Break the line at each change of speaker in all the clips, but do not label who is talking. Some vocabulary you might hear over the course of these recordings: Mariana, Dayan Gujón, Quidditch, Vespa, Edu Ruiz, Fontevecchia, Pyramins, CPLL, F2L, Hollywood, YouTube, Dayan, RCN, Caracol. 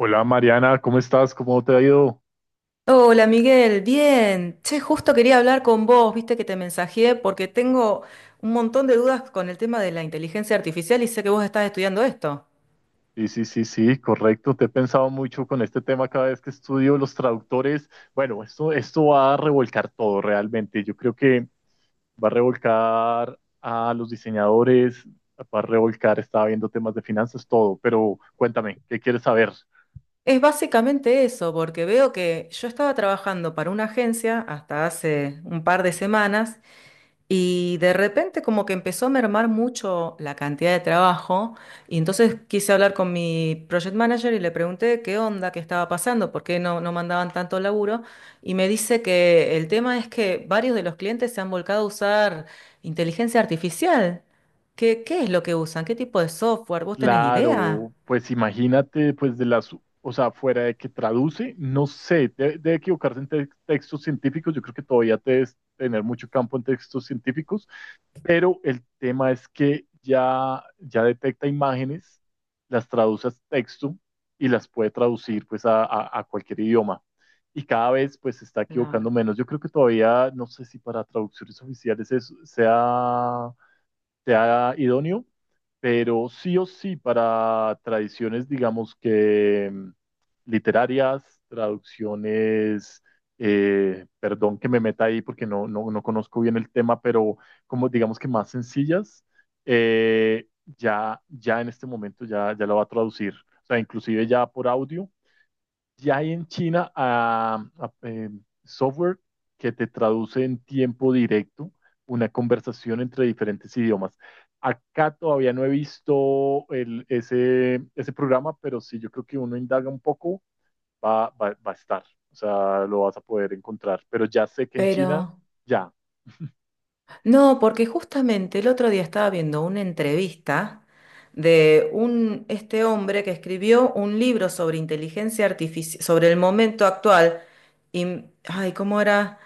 Hola Mariana, ¿cómo estás? ¿Cómo te ha ido?
Hola Miguel, bien. Che, justo quería hablar con vos, viste que te mensajeé porque tengo un montón de dudas con el tema de la inteligencia artificial y sé que vos estás estudiando esto.
Sí, sí, sí, sí, correcto. Te he pensado mucho con este tema cada vez que estudio los traductores. Bueno, esto va a revolcar todo realmente. Yo creo que va a revolcar a los diseñadores, va a revolcar, estaba viendo temas de finanzas, todo. Pero cuéntame, ¿qué quieres saber?
Es básicamente eso, porque veo que yo estaba trabajando para una agencia hasta hace un par de semanas y de repente como que empezó a mermar mucho la cantidad de trabajo, y entonces quise hablar con mi project manager y le pregunté qué onda, qué estaba pasando, por qué no mandaban tanto laburo, y me dice que el tema es que varios de los clientes se han volcado a usar inteligencia artificial. ¿Qué es lo que usan? ¿Qué tipo de software? ¿Vos tenés idea?
Claro, pues imagínate, pues de las, o sea, fuera de que traduce, no sé, debe equivocarse en textos científicos. Yo creo que todavía debes tener mucho campo en textos científicos, pero el tema es que ya detecta imágenes, las traduce a texto y las puede traducir pues a, a cualquier idioma. Y cada vez pues se está equivocando
Claro.
menos. Yo creo que todavía, no sé si para traducciones oficiales sea sea idóneo, pero sí o sí para tradiciones, digamos que literarias, traducciones, perdón que me meta ahí porque no conozco bien el tema, pero como digamos que más sencillas, eh, ya en este momento ya lo va a traducir, o sea, inclusive ya por audio ya hay en China software que te traduce en tiempo directo una conversación entre diferentes idiomas. Acá todavía no he visto ese programa, pero sí, yo creo que uno indaga un poco, va a estar, o sea, lo vas a poder encontrar. Pero ya sé que en China,
Pero...
ya.
No, porque justamente el otro día estaba viendo una entrevista de este hombre que escribió un libro sobre inteligencia artificial, sobre el momento actual. Y, ay, ¿cómo era?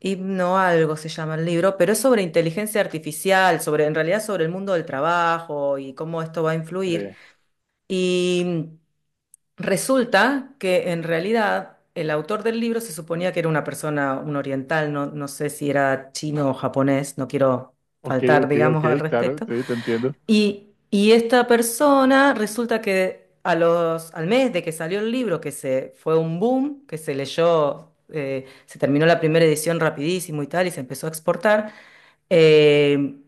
Himno algo se llama el libro, pero es sobre inteligencia artificial, sobre, en realidad sobre el mundo del trabajo y cómo esto va a influir.
eh,
Y resulta que en realidad el autor del libro se suponía que era una persona, un oriental, no sé si era chino o japonés, no quiero
ok,
faltar,
ok, ok,
digamos, al
claro,
respecto.
sí, te entiendo.
Y esta persona resulta que a al mes de que salió el libro, que se fue un boom, que se leyó, se terminó la primera edición rapidísimo y tal, y se empezó a exportar, eh,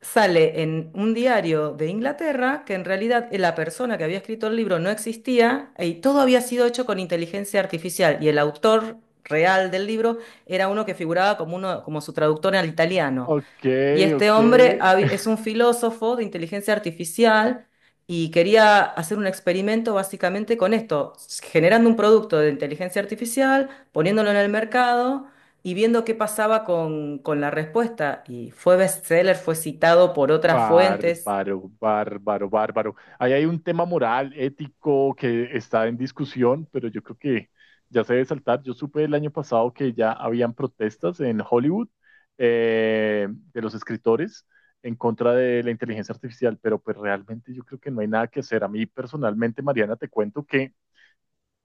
sale en un diario de Inglaterra que en realidad la persona que había escrito el libro no existía y todo había sido hecho con inteligencia artificial, y el autor real del libro era uno que figuraba como uno, como su traductor al italiano.
Ok,
Y este
ok.
hombre es un filósofo de inteligencia artificial y quería hacer un experimento básicamente con esto, generando un producto de inteligencia artificial, poniéndolo en el mercado y viendo qué pasaba con la respuesta. Y fue bestseller, fue citado por otras fuentes.
Bárbaro, bárbaro, bárbaro. Ahí hay un tema moral, ético, que está en discusión, pero yo creo que ya se debe saltar. Yo supe el año pasado que ya habían protestas en Hollywood, de los escritores, en contra de la inteligencia artificial, pero pues realmente yo creo que no hay nada que hacer. A mí personalmente, Mariana, te cuento que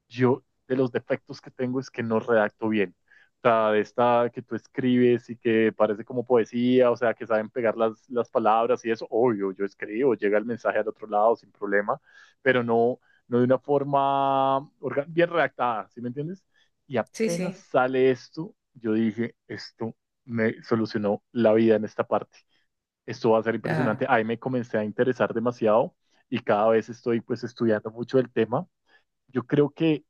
yo de los defectos que tengo es que no redacto bien. O sea, de esta que tú escribes y que parece como poesía, o sea, que saben pegar las palabras y eso, obvio, yo escribo, llega el mensaje al otro lado sin problema, pero no, no de una forma bien redactada, ¿sí me entiendes? Y
Sí,
apenas
sí,
sale esto, yo dije, esto me solucionó la vida en esta parte. Esto va a ser impresionante.
claro,
Ahí me comencé a interesar demasiado y cada vez estoy pues estudiando mucho el tema. Yo creo que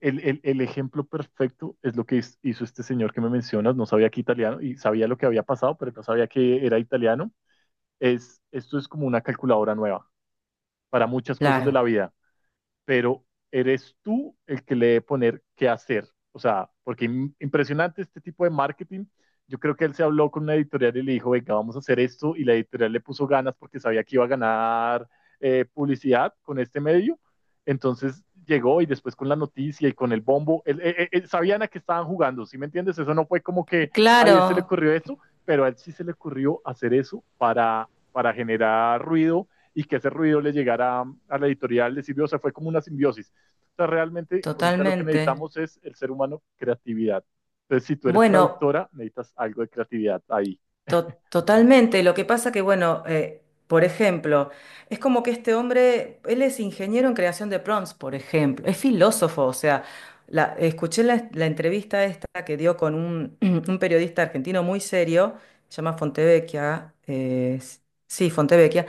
el ejemplo perfecto es lo que hizo este señor que me mencionas, no sabía que italiano y sabía lo que había pasado, pero no sabía que era italiano. Es, esto es como una calculadora nueva para muchas cosas de la
claro,
vida, pero eres tú el que le debe poner qué hacer. O sea, porque impresionante este tipo de marketing. Yo creo que él se habló con una editorial y le dijo, venga, vamos a hacer esto. Y la editorial le puso ganas porque sabía que iba a ganar publicidad con este medio. Entonces llegó y después con la noticia y con el bombo, sabían a qué estaban jugando, ¿sí me entiendes? Eso no fue como que, ay, a él se le
claro,
ocurrió esto, pero a él sí se le ocurrió hacer eso para generar ruido y que ese ruido le llegara a la editorial, le sirvió, o sea, fue como una simbiosis. O sea, realmente ahorita lo que
totalmente.
necesitamos es el ser humano creatividad. Entonces, si tú eres
Bueno.
traductora, necesitas algo de creatividad ahí.
Totalmente. Lo que pasa que, bueno, por ejemplo, es como que este hombre, él es ingeniero en creación de prompts, por ejemplo, es filósofo, o sea, la, escuché la, la entrevista esta que dio con un, un periodista argentino muy serio, se llama Fontevecchia, sí, Fontevecchia,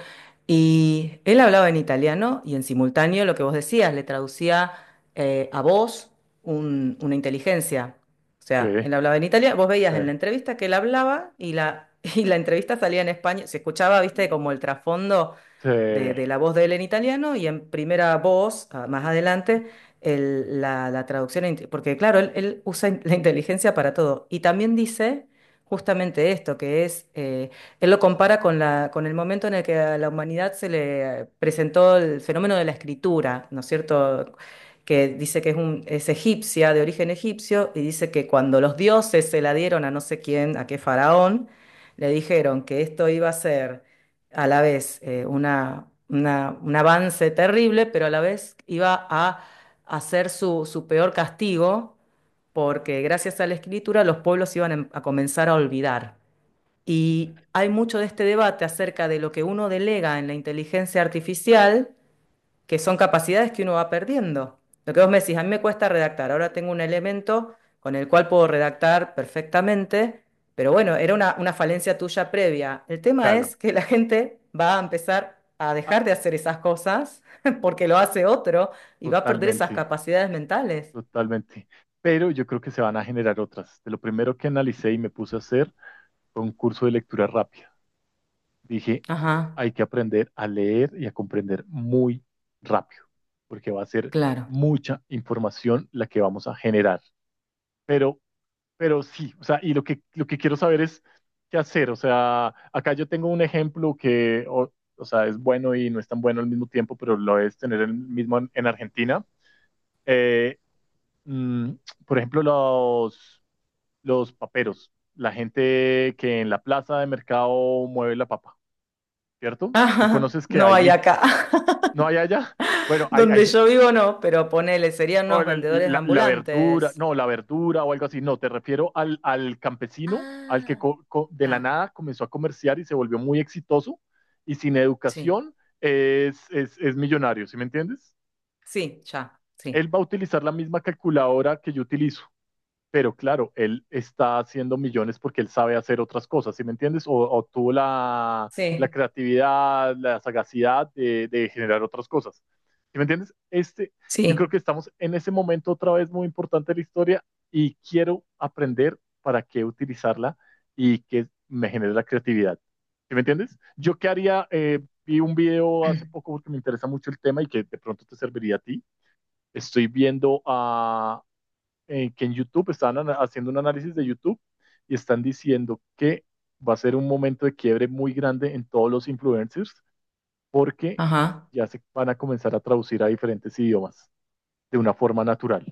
y él hablaba en italiano y en simultáneo lo que vos decías, le traducía a voz una inteligencia. O
Sí,
sea, él hablaba en Italia, vos veías
sí,
en la entrevista que él hablaba y la, y la entrevista salía en España, se escuchaba, viste, como el trasfondo
sí,
de la voz de él en italiano y en primera voz, ah, más adelante, la traducción, porque claro, él usa la inteligencia para todo. Y también dice justamente esto, que es, él lo compara con con el momento en el que a la humanidad se le presentó el fenómeno de la escritura, ¿no es cierto? Que dice que es, es egipcia, de origen egipcio, y dice que cuando los dioses se la dieron a no sé quién, a qué faraón, le dijeron que esto iba a ser a la vez un avance terrible, pero a la vez iba a hacer su, su peor castigo, porque gracias a la escritura los pueblos iban a comenzar a olvidar. Y hay mucho de este debate acerca de lo que uno delega en la inteligencia artificial, que son capacidades que uno va perdiendo. Lo que vos me decís, a mí me cuesta redactar, ahora tengo un elemento con el cual puedo redactar perfectamente, pero bueno, era una falencia tuya previa. El tema
claro.
es que la gente va a empezar a
Ah,
dejar de hacer esas cosas porque lo hace otro y va a perder esas
totalmente,
capacidades mentales.
totalmente. Pero yo creo que se van a generar otras. De lo primero que analicé y me puse a hacer fue un curso de lectura rápida. Dije,
Ajá,
hay que aprender a leer y a comprender muy rápido, porque va a ser
claro.
mucha información la que vamos a generar. Pero, pero sí, o sea, y lo que quiero saber es qué hacer. O sea, acá yo tengo un ejemplo que, o sea, es bueno y no es tan bueno al mismo tiempo, pero lo es tener el mismo en Argentina. Eh, mm, por ejemplo, los paperos, la gente que en la plaza de mercado mueve la papa, ¿cierto? Tú
Ajá,
conoces que
no
hay,
hay acá.
No hay allá. Bueno, hay,
Donde
hay
yo vivo no, pero ponele, serían
o
unos vendedores
la verdura,
ambulantes.
no, la verdura o algo así. No, te refiero al campesino, al que
Ah,
de la
ah,
nada comenzó a comerciar y se volvió muy exitoso y sin
sí.
educación, es millonario, ¿sí me entiendes?
Sí, ya, sí.
Él va a utilizar la misma calculadora que yo utilizo, pero claro, él está haciendo millones porque él sabe hacer otras cosas, ¿sí me entiendes? O tuvo
Sí,
creatividad, la sagacidad de, generar otras cosas. ¿Sí me entiendes? Este, yo creo
sí,
que estamos en ese momento otra vez muy importante de la historia y quiero aprender para qué utilizarla y que me genere la creatividad. ¿Sí me entiendes? Yo qué haría, vi un video hace poco porque me interesa mucho el tema y que de pronto te serviría a ti. Estoy viendo a, que en YouTube están haciendo un análisis de YouTube y están diciendo que va a ser un momento de quiebre muy grande en todos los influencers porque
ajá.
ya se van a comenzar a traducir a diferentes idiomas de una forma natural.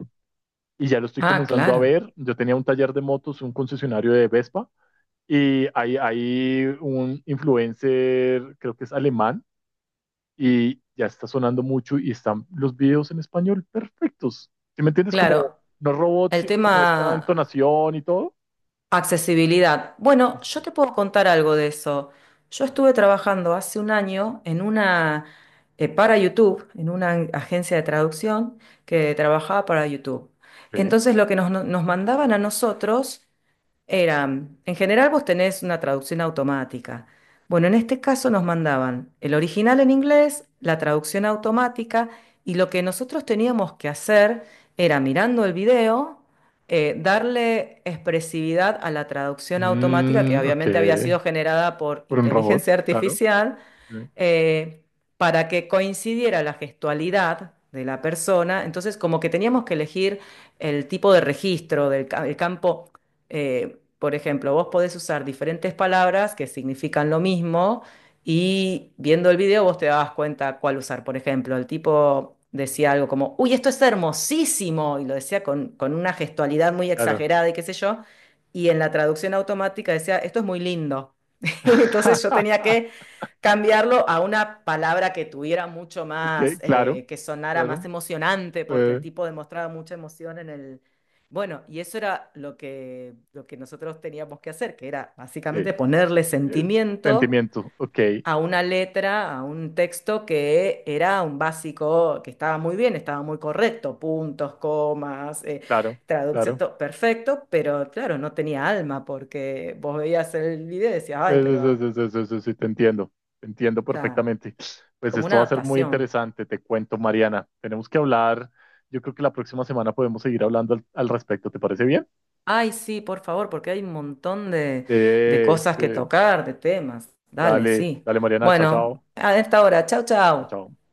Y ya lo estoy
Ah,
comenzando a
claro,
ver. Yo tenía un taller de motos, un concesionario de Vespa, y hay un influencer, creo que es alemán, y ya está sonando mucho y están los videos en español perfectos. ¿Sí me entiendes? Como
claro.
no robots,
El
sino como esta
tema
entonación y todo.
accesibilidad. Bueno, yo te
Exacto.
puedo contar algo de eso. Yo estuve trabajando hace un año en para YouTube, en una agencia de traducción que trabajaba para YouTube.
Sí.
Entonces lo que nos mandaban a nosotros era, en general vos tenés una traducción automática. Bueno, en este caso nos mandaban el original en inglés, la traducción automática, y lo que nosotros teníamos que hacer era, mirando el video, darle expresividad a la traducción automática, que
Ok.
obviamente había sido generada por
Por un robot,
inteligencia
claro.
artificial,
Sí.
eh, para que coincidiera la gestualidad de la persona. Entonces, como que teníamos que elegir el tipo de registro el campo. Por ejemplo, vos podés usar diferentes palabras que significan lo mismo, y viendo el video vos te dabas cuenta cuál usar. Por ejemplo, el tipo decía algo como, uy, esto es hermosísimo, y lo decía con, una gestualidad muy
Claro.
exagerada y qué sé yo. Y en la traducción automática decía, esto es muy lindo. Entonces yo tenía que cambiarlo a una palabra que tuviera mucho
Ok,
más,
claro,
que sonara más
claro.
emocionante, porque
Eh,
el tipo demostraba mucha emoción en el. Bueno, y eso era lo que nosotros teníamos que hacer, que era
sí.
básicamente ponerle
Eh,
sentimiento
Sentimiento, ok,
a una letra, a un texto que era un básico, que estaba muy bien, estaba muy correcto, puntos, comas,
claro,
traducción,
claro.
todo perfecto, pero claro, no tenía alma porque vos veías el video y decías,
Sí,
ay,
sí,
pero
sí, sí, sí, sí, sí, te entiendo
ya,
perfectamente. Pues
como
esto
una
va a ser muy
adaptación.
interesante, te cuento, Mariana. Tenemos que hablar, yo creo que la próxima semana podemos seguir hablando al respecto, ¿te parece bien?
Ay, sí, por favor, porque hay un montón de
Sí,
cosas que
sí.
tocar, de temas. Dale,
Dale,
sí.
dale, Mariana, chao,
Bueno,
chao,
a esta hora. Chau,
chao,
chau.
chao.